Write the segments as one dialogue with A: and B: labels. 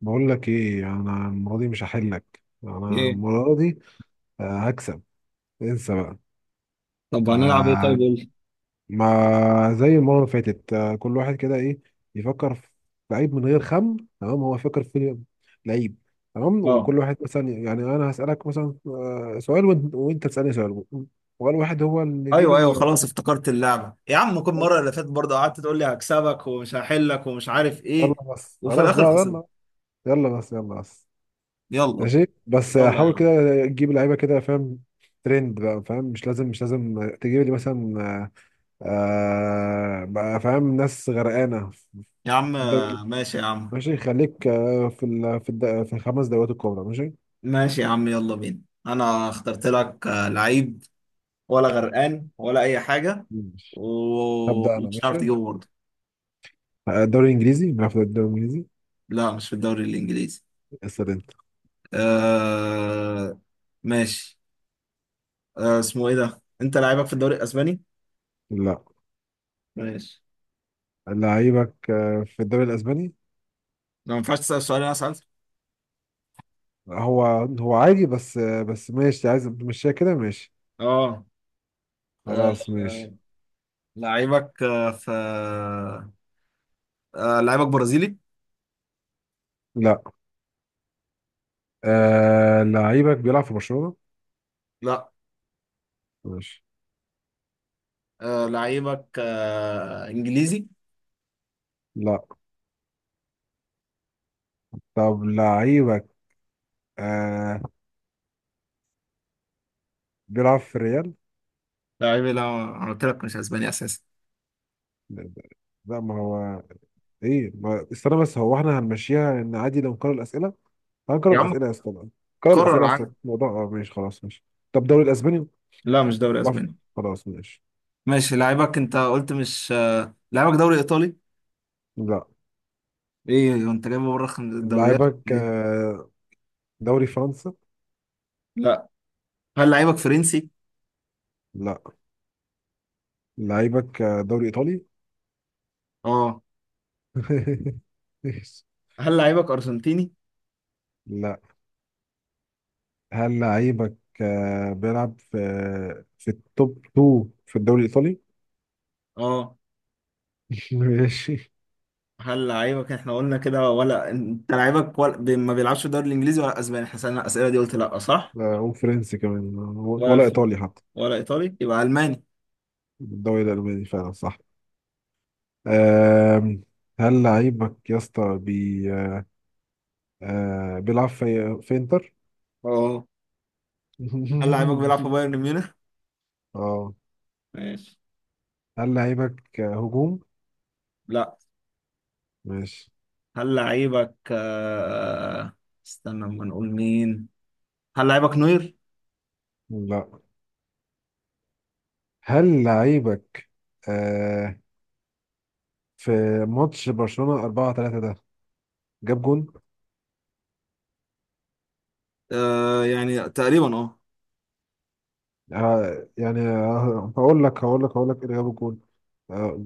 A: بقول لك ايه؟ انا المره دي مش هحلك انا،
B: ايه؟
A: المره دي. هكسب. انسى بقى.
B: طب هنلعب ايه؟ طيب
A: آه،
B: قول لي.
A: ما زي المره اللي فاتت. كل واحد كده ايه، يفكر في لعيب من غير خم. تمام، هو فكر في لعيب. تمام،
B: اه،
A: وكل واحد مثلا يعني انا هسالك مثلا سؤال، وانت تسالني سؤال. وقال واحد هو اللي يجيب
B: ايوه، ايوه، خلاص افتكرت اللعبه يا عم. كل مره
A: بس.
B: اللي فاتت برضه قعدت تقول لي هكسبك ومش هحلك ومش عارف ايه،
A: يلا بس،
B: وفي
A: خلاص
B: الاخر
A: بقى
B: خسرت.
A: يلا. يلا بس، يلا بس.
B: يلا،
A: ماشي بس،
B: يلا يا
A: حاول
B: عم
A: كده تجيب لعيبه، كده فاهم؟ ترند بقى، فاهم؟ مش لازم تجيب لي مثلا بقى، فاهم؟ ناس غرقانه في
B: يا عم.
A: الدوري.
B: ماشي يا عم.
A: ماشي، خليك في ال في الد في الخمس دوريات الكبرى، ماشي.
B: ماشي يا عم، يلا بينا. انا اخترت لك لعيب، ولا غرقان ولا اي حاجه،
A: ماشي، هبدأ انا.
B: ومش عارف
A: ماشي،
B: تجيبه برضه.
A: الدوري الانجليزي، بنلعب في الدوري الانجليزي.
B: لا، مش في الدوري الانجليزي.
A: اسال انت.
B: آه... ماشي. آه، اسمه ايه ده؟ انت لعيبك في الدوري الاسباني.
A: لا،
B: ماشي.
A: لعيبك في الدوري الاسباني؟
B: ما ينفعش تسال سؤال، انا اسال.
A: هو هو عادي، بس بس ماشي، عايز تمشيها كده؟ ماشي،
B: اه. آه،
A: خلاص
B: آه،
A: ماشي.
B: لعيبك آه، في آه، آه، لعيبك برازيلي.
A: لا، لعيبك بيلعب في برشلونة؟
B: لا.
A: ماشي.
B: لعيبك انجليزي.
A: لا. طب لعيبك آه بيلعب في ريال؟
B: لعيبي لا. انا قلت لك مش اسباني اساسا.
A: لا. لا، ما هو ايه ما... استنى بس، هو احنا هنمشيها ان عادي لو نكرر الاسئله؟ هنكرر
B: يا عم
A: الاسئله يا اسطى بقى. نكرر
B: قرر
A: الاسئله يا
B: عادي.
A: اسطى؟ الموضوع اه، ماشي خلاص ماشي. طب دوري الاسباني؟
B: لا، مش دوري
A: بيلعب في-
B: اسباني.
A: خلاص ماشي.
B: ماشي، لعيبك انت قلت مش لعيبك دوري ايطالي.
A: لا،
B: ايه انت جايبه بره الدوريات
A: لعيبك
B: إيه؟
A: دوري فرنسا؟
B: لا. هل لعيبك فرنسي؟
A: لا، لعيبك دوري ايطالي.
B: اه. هل لعيبك ارجنتيني؟
A: لا. هل لعيبك بيلعب في التوب 2 في الدوري الإيطالي؟
B: اه.
A: ماشي.
B: هل لعيبك احنا قلنا كده؟ ولا انت لعيبك ولا... ما بيلعبش في الدوري الانجليزي ولا اسباني؟ احنا سالنا الاسئله دي، قلت لا، صح؟
A: لا، هو فرنسي كمان،
B: ولا
A: ولا
B: الف...
A: إيطالي حتى.
B: ولا ايطالي يبقى الماني.
A: الدوري الألماني فعلا صح. آم، هل لعيبك يا اسطى بي آه، آه، بيلعب في إنتر؟
B: اه. هل لعيبك بيلعب في بايرن ميونخ؟
A: اه.
B: ماشي.
A: هل لعيبك هجوم؟
B: لا.
A: ماشي.
B: هل لعيبك استنى ما نقول مين. هل لعيبك نوير؟
A: لا. هل لعيبك آه، في ماتش برشلونة 4-3 ده جاب جون؟
B: آه يعني تقريبا اه.
A: آه يعني آه، هقول لك إيه اللي جاب الجول. آه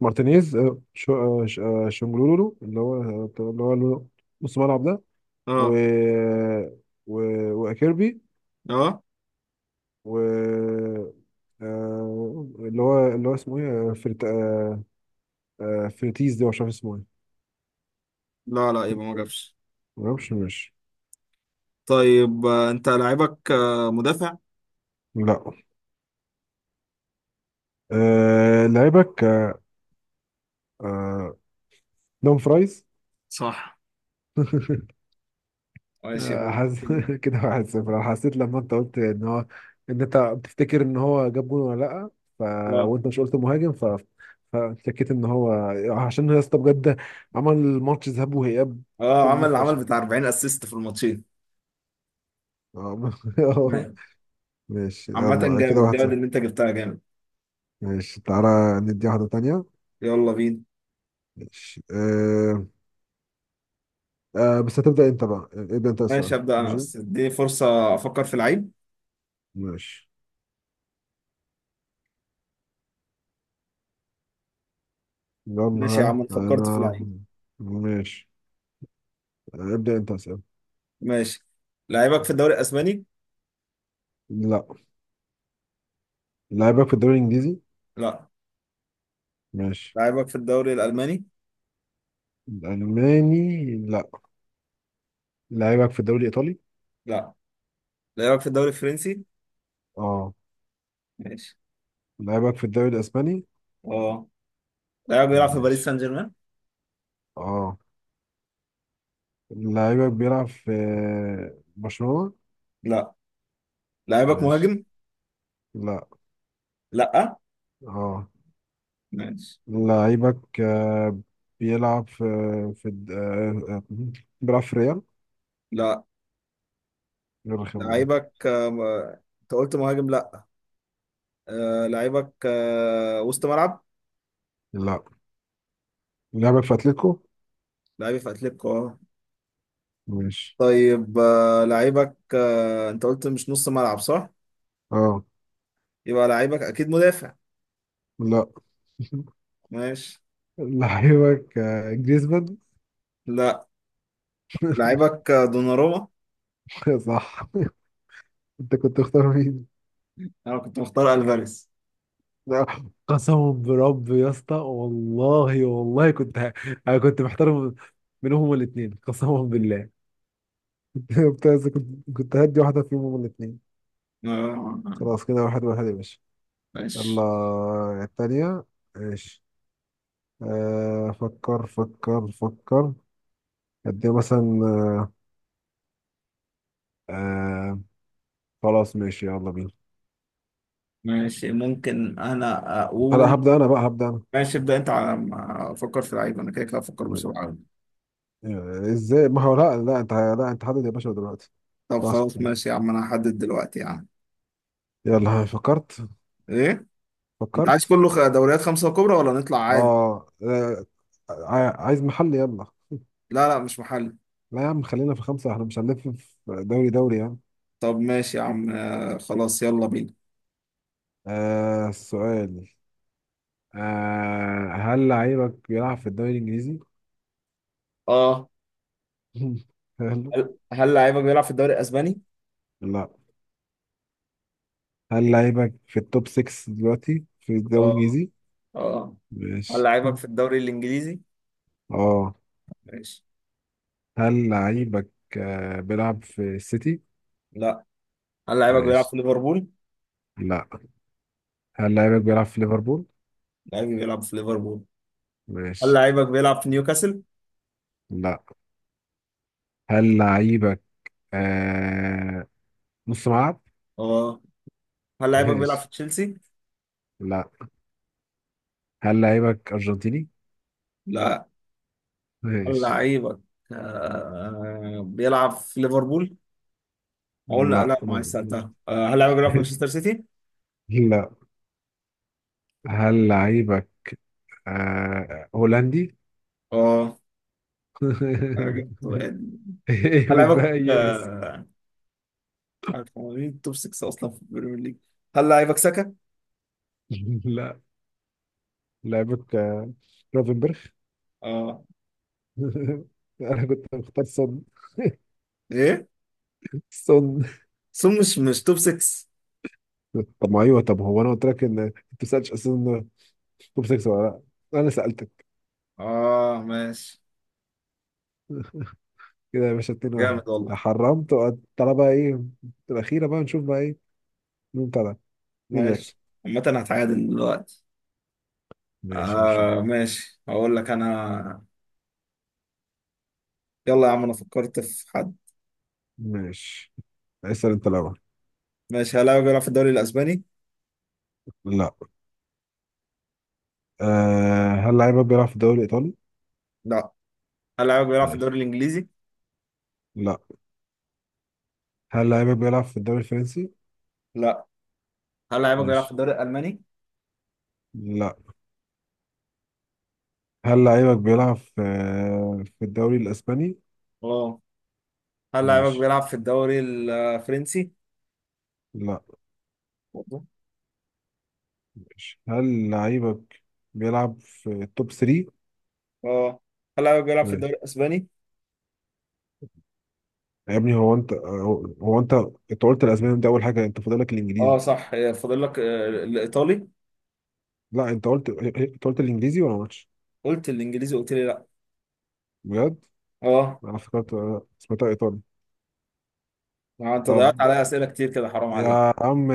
A: مارتينيز، آه شو آه ش- آه شنجلولولو اللي هو نص ملعب ده، و
B: اه،
A: و وأكيربي،
B: اه.
A: و اللي هو اسمه ايه فرتيز، ده مش عارف اسمه ايه.
B: لا لا، يبقى ما جابش.
A: ما اعرفش مش.
B: طيب انت لعيبك آه مدافع؟
A: لا، لعيبك آه دوم فرايز.
B: صح. ماشي يبقى.
A: حاسس كده واحد صفر. انا حسيت لما انت قلت ان هو، ان انت بتفتكر ان هو جاب جون ولا لا، ف...
B: اه.
A: وانت مش قلت مهاجم، ف فشكيت ان هو، عشان يا اسطى بجد عمل ماتش ذهاب واياب،
B: اه،
A: كان
B: عمل
A: نيف
B: عمل
A: فشخ.
B: بتاع 40 اسيست في الماتشين.
A: آه.
B: تمام.
A: ماشي،
B: عامة
A: يلا كده
B: جامد، جامد
A: واحد صفر.
B: ان انت جبتها جامد.
A: ماشي، تعالى ندي واحدة تانية.
B: يلا بينا.
A: ماشي. بس هتبدأ انت بقى. ابدأ انت
B: ماشي
A: السؤال،
B: ابدا انا،
A: ماشي؟
B: بس اديني فرصة افكر في لعيب.
A: ماشي، يلا
B: ماشي يا
A: ها
B: عم، أنا فكرت في
A: انا.
B: لعيب.
A: ماشي، ابدأ انت اسأل.
B: ماشي. لعيبك في الدوري الاسباني؟
A: لا. لعيبك في الدوري الانجليزي؟
B: لا.
A: ماشي.
B: لعيبك في الدوري الالماني؟
A: الالماني لا. لعيبك في الدوري الايطالي؟
B: لا. لعيبك في الدوري الفرنسي؟
A: اه.
B: ماشي.
A: لعيبك في الدوري الاسباني؟
B: اه. لعيبك بيلعب في باريس
A: ماشي،
B: سان جيرمان؟
A: اه. لعيبك بيلعب في برشلونة؟
B: لا. لعيبك
A: ماشي.
B: مهاجم؟
A: لا.
B: لا.
A: اه،
B: ماشي.
A: لعيبك بيلعب في في الد- آه، آه، بيلعب في ريال؟
B: لا.
A: غير الخيمة دي.
B: لعيبك انت قلت مهاجم لا. لعيبك وسط ملعب.
A: لا. لعيبك في اتلتيكو؟
B: لعيبي في اتلتيكو اه.
A: ماشي،
B: طيب لعيبك انت قلت مش نص ملعب، صح؟
A: اه.
B: يبقى لعيبك اكيد مدافع.
A: لا.
B: ماشي.
A: لعيبك جريزمان؟
B: لا. لعيبك دوناروما.
A: صح. انت كنت تختار مين؟
B: انا كنت مختار الفاريز.
A: قسما برب يا اسطى، والله والله كنت انا كنت محترم منهم هما الاثنين، قسما بالله. كنت عايز- كنت كنت هدي واحده فيهم هما الاثنين.
B: آه،
A: خلاص، كده واحد واحد يا باشا. يلا
B: ماشي.
A: الثانيه. ماشي، فكر. اديها مثلا آه خلاص، ماشي يلا بينا.
B: ماشي ممكن انا
A: انا
B: اقول.
A: هبدا، انا بقى هبدا
B: ماشي، ابدا انت على ما افكر في لعيب، انا كده كده افكر
A: انا.
B: بسرعه أوي.
A: ازاي؟ ما هو لا لا، انت لا، انت حدد يا باشا دلوقتي.
B: طب
A: ما ينفعش
B: خلاص
A: كده.
B: ماشي يا عم، انا هحدد دلوقتي يا عم.
A: يلا ها، فكرت؟
B: ايه؟ انت عايز
A: فكرت
B: كله دوريات خمسه كبرى، ولا نطلع عادي؟
A: اه، عايز محل؟ يلا.
B: لا لا، مش محل.
A: لا يا عم، خلينا في خمسة، احنا مش هنلف في دوري يعني.
B: طب ماشي يا عم، خلاص يلا بينا.
A: السؤال، هل لعيبك بيلعب في الدوري الإنجليزي؟
B: اه.
A: هل،
B: هل لعيبك بيلعب في الدوري الاسباني؟
A: لا. هل لعيبك في التوب 6 دلوقتي في الدوري
B: اه،
A: الإنجليزي؟
B: اه. هل
A: ماشي،
B: لعيبك في الدوري الانجليزي؟
A: اه.
B: ماشي.
A: هل لعيبك بيلعب في السيتي؟
B: لا. هل لعيبك بيلعب
A: ماشي.
B: في ليفربول؟
A: لا. هل لعيبك بيلعب في ليفربول؟
B: لعيبي بيلعب في ليفربول. هل
A: ماشي.
B: لعيبك بيلعب في نيوكاسل؟
A: لا. هل لعيبك آه نص ملعب؟
B: اه. هل لعيبك بيلعب
A: ماشي.
B: في تشيلسي؟
A: لا. هل لعيبك أرجنتيني؟
B: لا. هل
A: ماشي.
B: لعيبك آه بيلعب في ليفربول؟ اقول لا،
A: لا.
B: لا ما عايز سالتها. هل لعيبك بيلعب في مانشستر سيتي؟
A: لا. هل لعيبك هولندي؟
B: اه. أنا جبت واحد.
A: ايه
B: هل لعيبك
A: بتبيس؟
B: مش عارف هو مين توب 6 اصلا في البريمير ليج. هل لعيبك ساكا؟
A: لا، لعيبك روفنبرغ.
B: اه.
A: انا كنت مختار سون.
B: ايه؟
A: سون.
B: سون مش توب 6.
A: طب ما ايوه، طب هو انا قلت لك ان انت ما سالتش اصلا توب 6 ولا؟ لا، انا سالتك
B: اه. ماشي.
A: كده يا باشا. 2-1.
B: جامد والله.
A: حرمت وقعدت. تعالى بقى، ايه الاخيره بقى، نشوف بقى ايه، مين طلع، مين اللي هيكسب.
B: ماشي. عامة هتعادل دلوقتي.
A: ماشي، هنشوف.
B: ماشي، هقول لك انا. يلا يا عم، انا فكرت في حد.
A: ماشي، اسأل انت الاول.
B: ماشي. هل لاعبك بيلعب في الدوري الاسباني؟
A: لا. أه، هل لعيبك بيلعب في الدوري الايطالي؟
B: لا. هل لاعبك بيلعب في
A: ماشي.
B: الدوري الانجليزي؟
A: لا. هل لعيبك بيلعب في الدوري الفرنسي؟
B: لا. هل لاعبك بيلعب في
A: ماشي.
B: الدوري الالماني؟
A: لا. هل لعيبك بيلعب في الدوري الاسباني؟
B: اه. هل لاعبك
A: ماشي.
B: بيلعب في الدوري الفرنسي؟
A: لا.
B: برضه.
A: ماشي. هل لعيبك بيلعب في التوب 3؟
B: اه. هل لاعبك بيلعب في الدوري
A: ماشي.
B: الاسباني؟
A: يا ابني، هو انت، انت قلت الاسباني ده اول حاجه، انت فاضلك
B: اه
A: الانجليزي.
B: صح، فاضل لك الايطالي.
A: لا، انت قلت الانجليزي ولا ماتش.
B: قلت الانجليزي، قلت لي لا.
A: بجد،
B: اه.
A: انا افتكرت سمعتها ايطالي.
B: ما انت
A: طب
B: ضيعت عليا اسئله كتير كده، حرام عليك.
A: يا عم،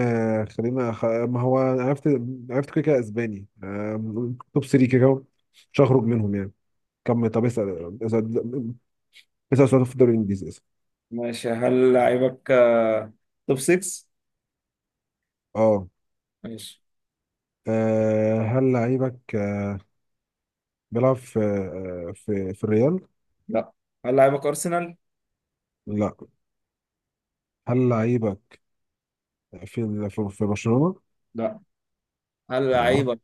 A: ما هو أنا عرفت، عرفت كده كده اسباني، توب 3 كده كده، مش هخرج منهم يعني. كم؟ طب اسال اسال سؤال في الدوري الانجليزي اسال.
B: ماشي. هل لاعبك توب 6؟
A: اه،
B: ماشي.
A: هل لعيبك بيلعب في في الريال؟
B: لا. هل لاعبك ارسنال؟
A: لا. هل لعيبك في برشلونة؟
B: لا. هل
A: لا.
B: لاعبك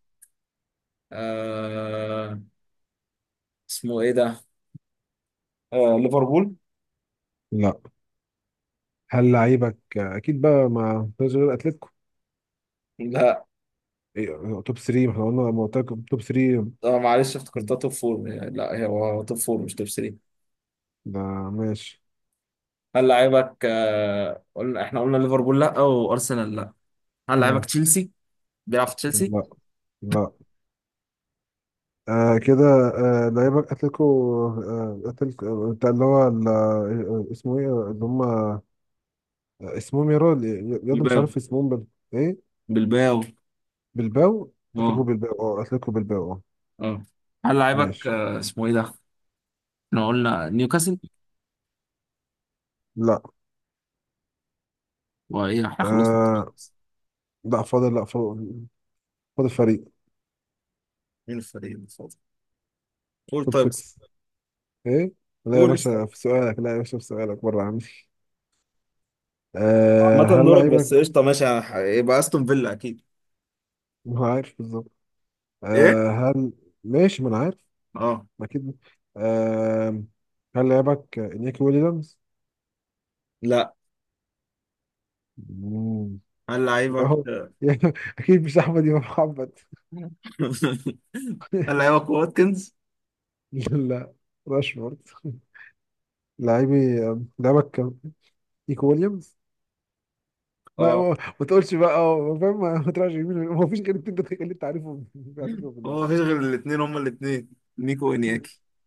B: آه اسمه ايه ده؟ ليفربول؟
A: لا. هل لعيبك اكيد بقى ما فيش غير اتلتيكو؟
B: لا.
A: إيه، توب 3. ما احنا قلنا، ما قلت لك توب 3
B: اه معلش، افتكرتها توب فور. لا، هي هو توب فور مش توب 3.
A: ده. ماشي.
B: هل لعيبك آه، قلنا احنا قلنا ليفربول لا وارسنال لا. هل لعيبك
A: مم.
B: تشيلسي؟ بيلعب في
A: لا.
B: تشيلسي؟
A: لا، آه كده، آه لعيبة أتلتيكو، آه أتلتيكو بتاع اللي هو اسمه إيه اللي هم، اسمهم يا راجل، يا ده مش
B: بلباو.
A: عارف اسمهم إيه؟
B: بلباو.
A: بالباو. أتلتيكو
B: اه.
A: بالباو أه، أتلتيكو بالباو أه.
B: اه. هل لعيبك
A: ماشي.
B: اسمه ايه ده؟ احنا قلنا نيوكاسل.
A: لا.
B: وايه، احنا خلصنا التوب.
A: آه لا، فاضل، لا فاضل، فاضل فريق.
B: مين الفريق المفضل؟ قول
A: توب
B: طيب بس.
A: 6. إيه؟ لا يا
B: قول اسأل.
A: باشا، في سؤالك بره عندي. آه،
B: عامة
A: هل
B: دورك، بس
A: لعيبة،
B: قشطة ماشي يبقى استون فيلا اكيد.
A: ما عارف بالظبط.
B: ايه؟
A: آه، هل، ماشي، ما أنا عارف.
B: اه.
A: أكيد. آه، هل لعيبك إنياكي ويليامز؟
B: لا.
A: مم.
B: هل لعيبك
A: اهو. اكيد مش احمد امام محمد.
B: هل لعيبك واتكنز؟
A: لا لا، راشفورد. لاعبي، لعبك كان نيكو ويليامز. ما تقولش بقى، أه، فاهم؟ ما تراجعش يمين ويمين. ما فيش غير الاتنين دول اللي انت عارفهم في عندكم في
B: هو
A: الوقت.
B: مفيش غير الاثنين، هما الاثنين. نيكو وانياكي.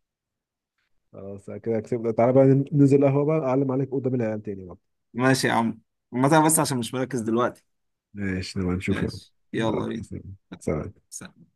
A: خلاص كده كسبنا. تعالى بقى ننزل قهوة بقى، اعلم عليك قدام العيال تاني بقى.
B: ماشي يا عم. عامة بس عشان مش مركز دلوقتي.
A: ماشي، نبقى نشوف يلا.
B: ماشي
A: مم.
B: يلا
A: يلا،
B: بينا.
A: سلام.
B: سلام.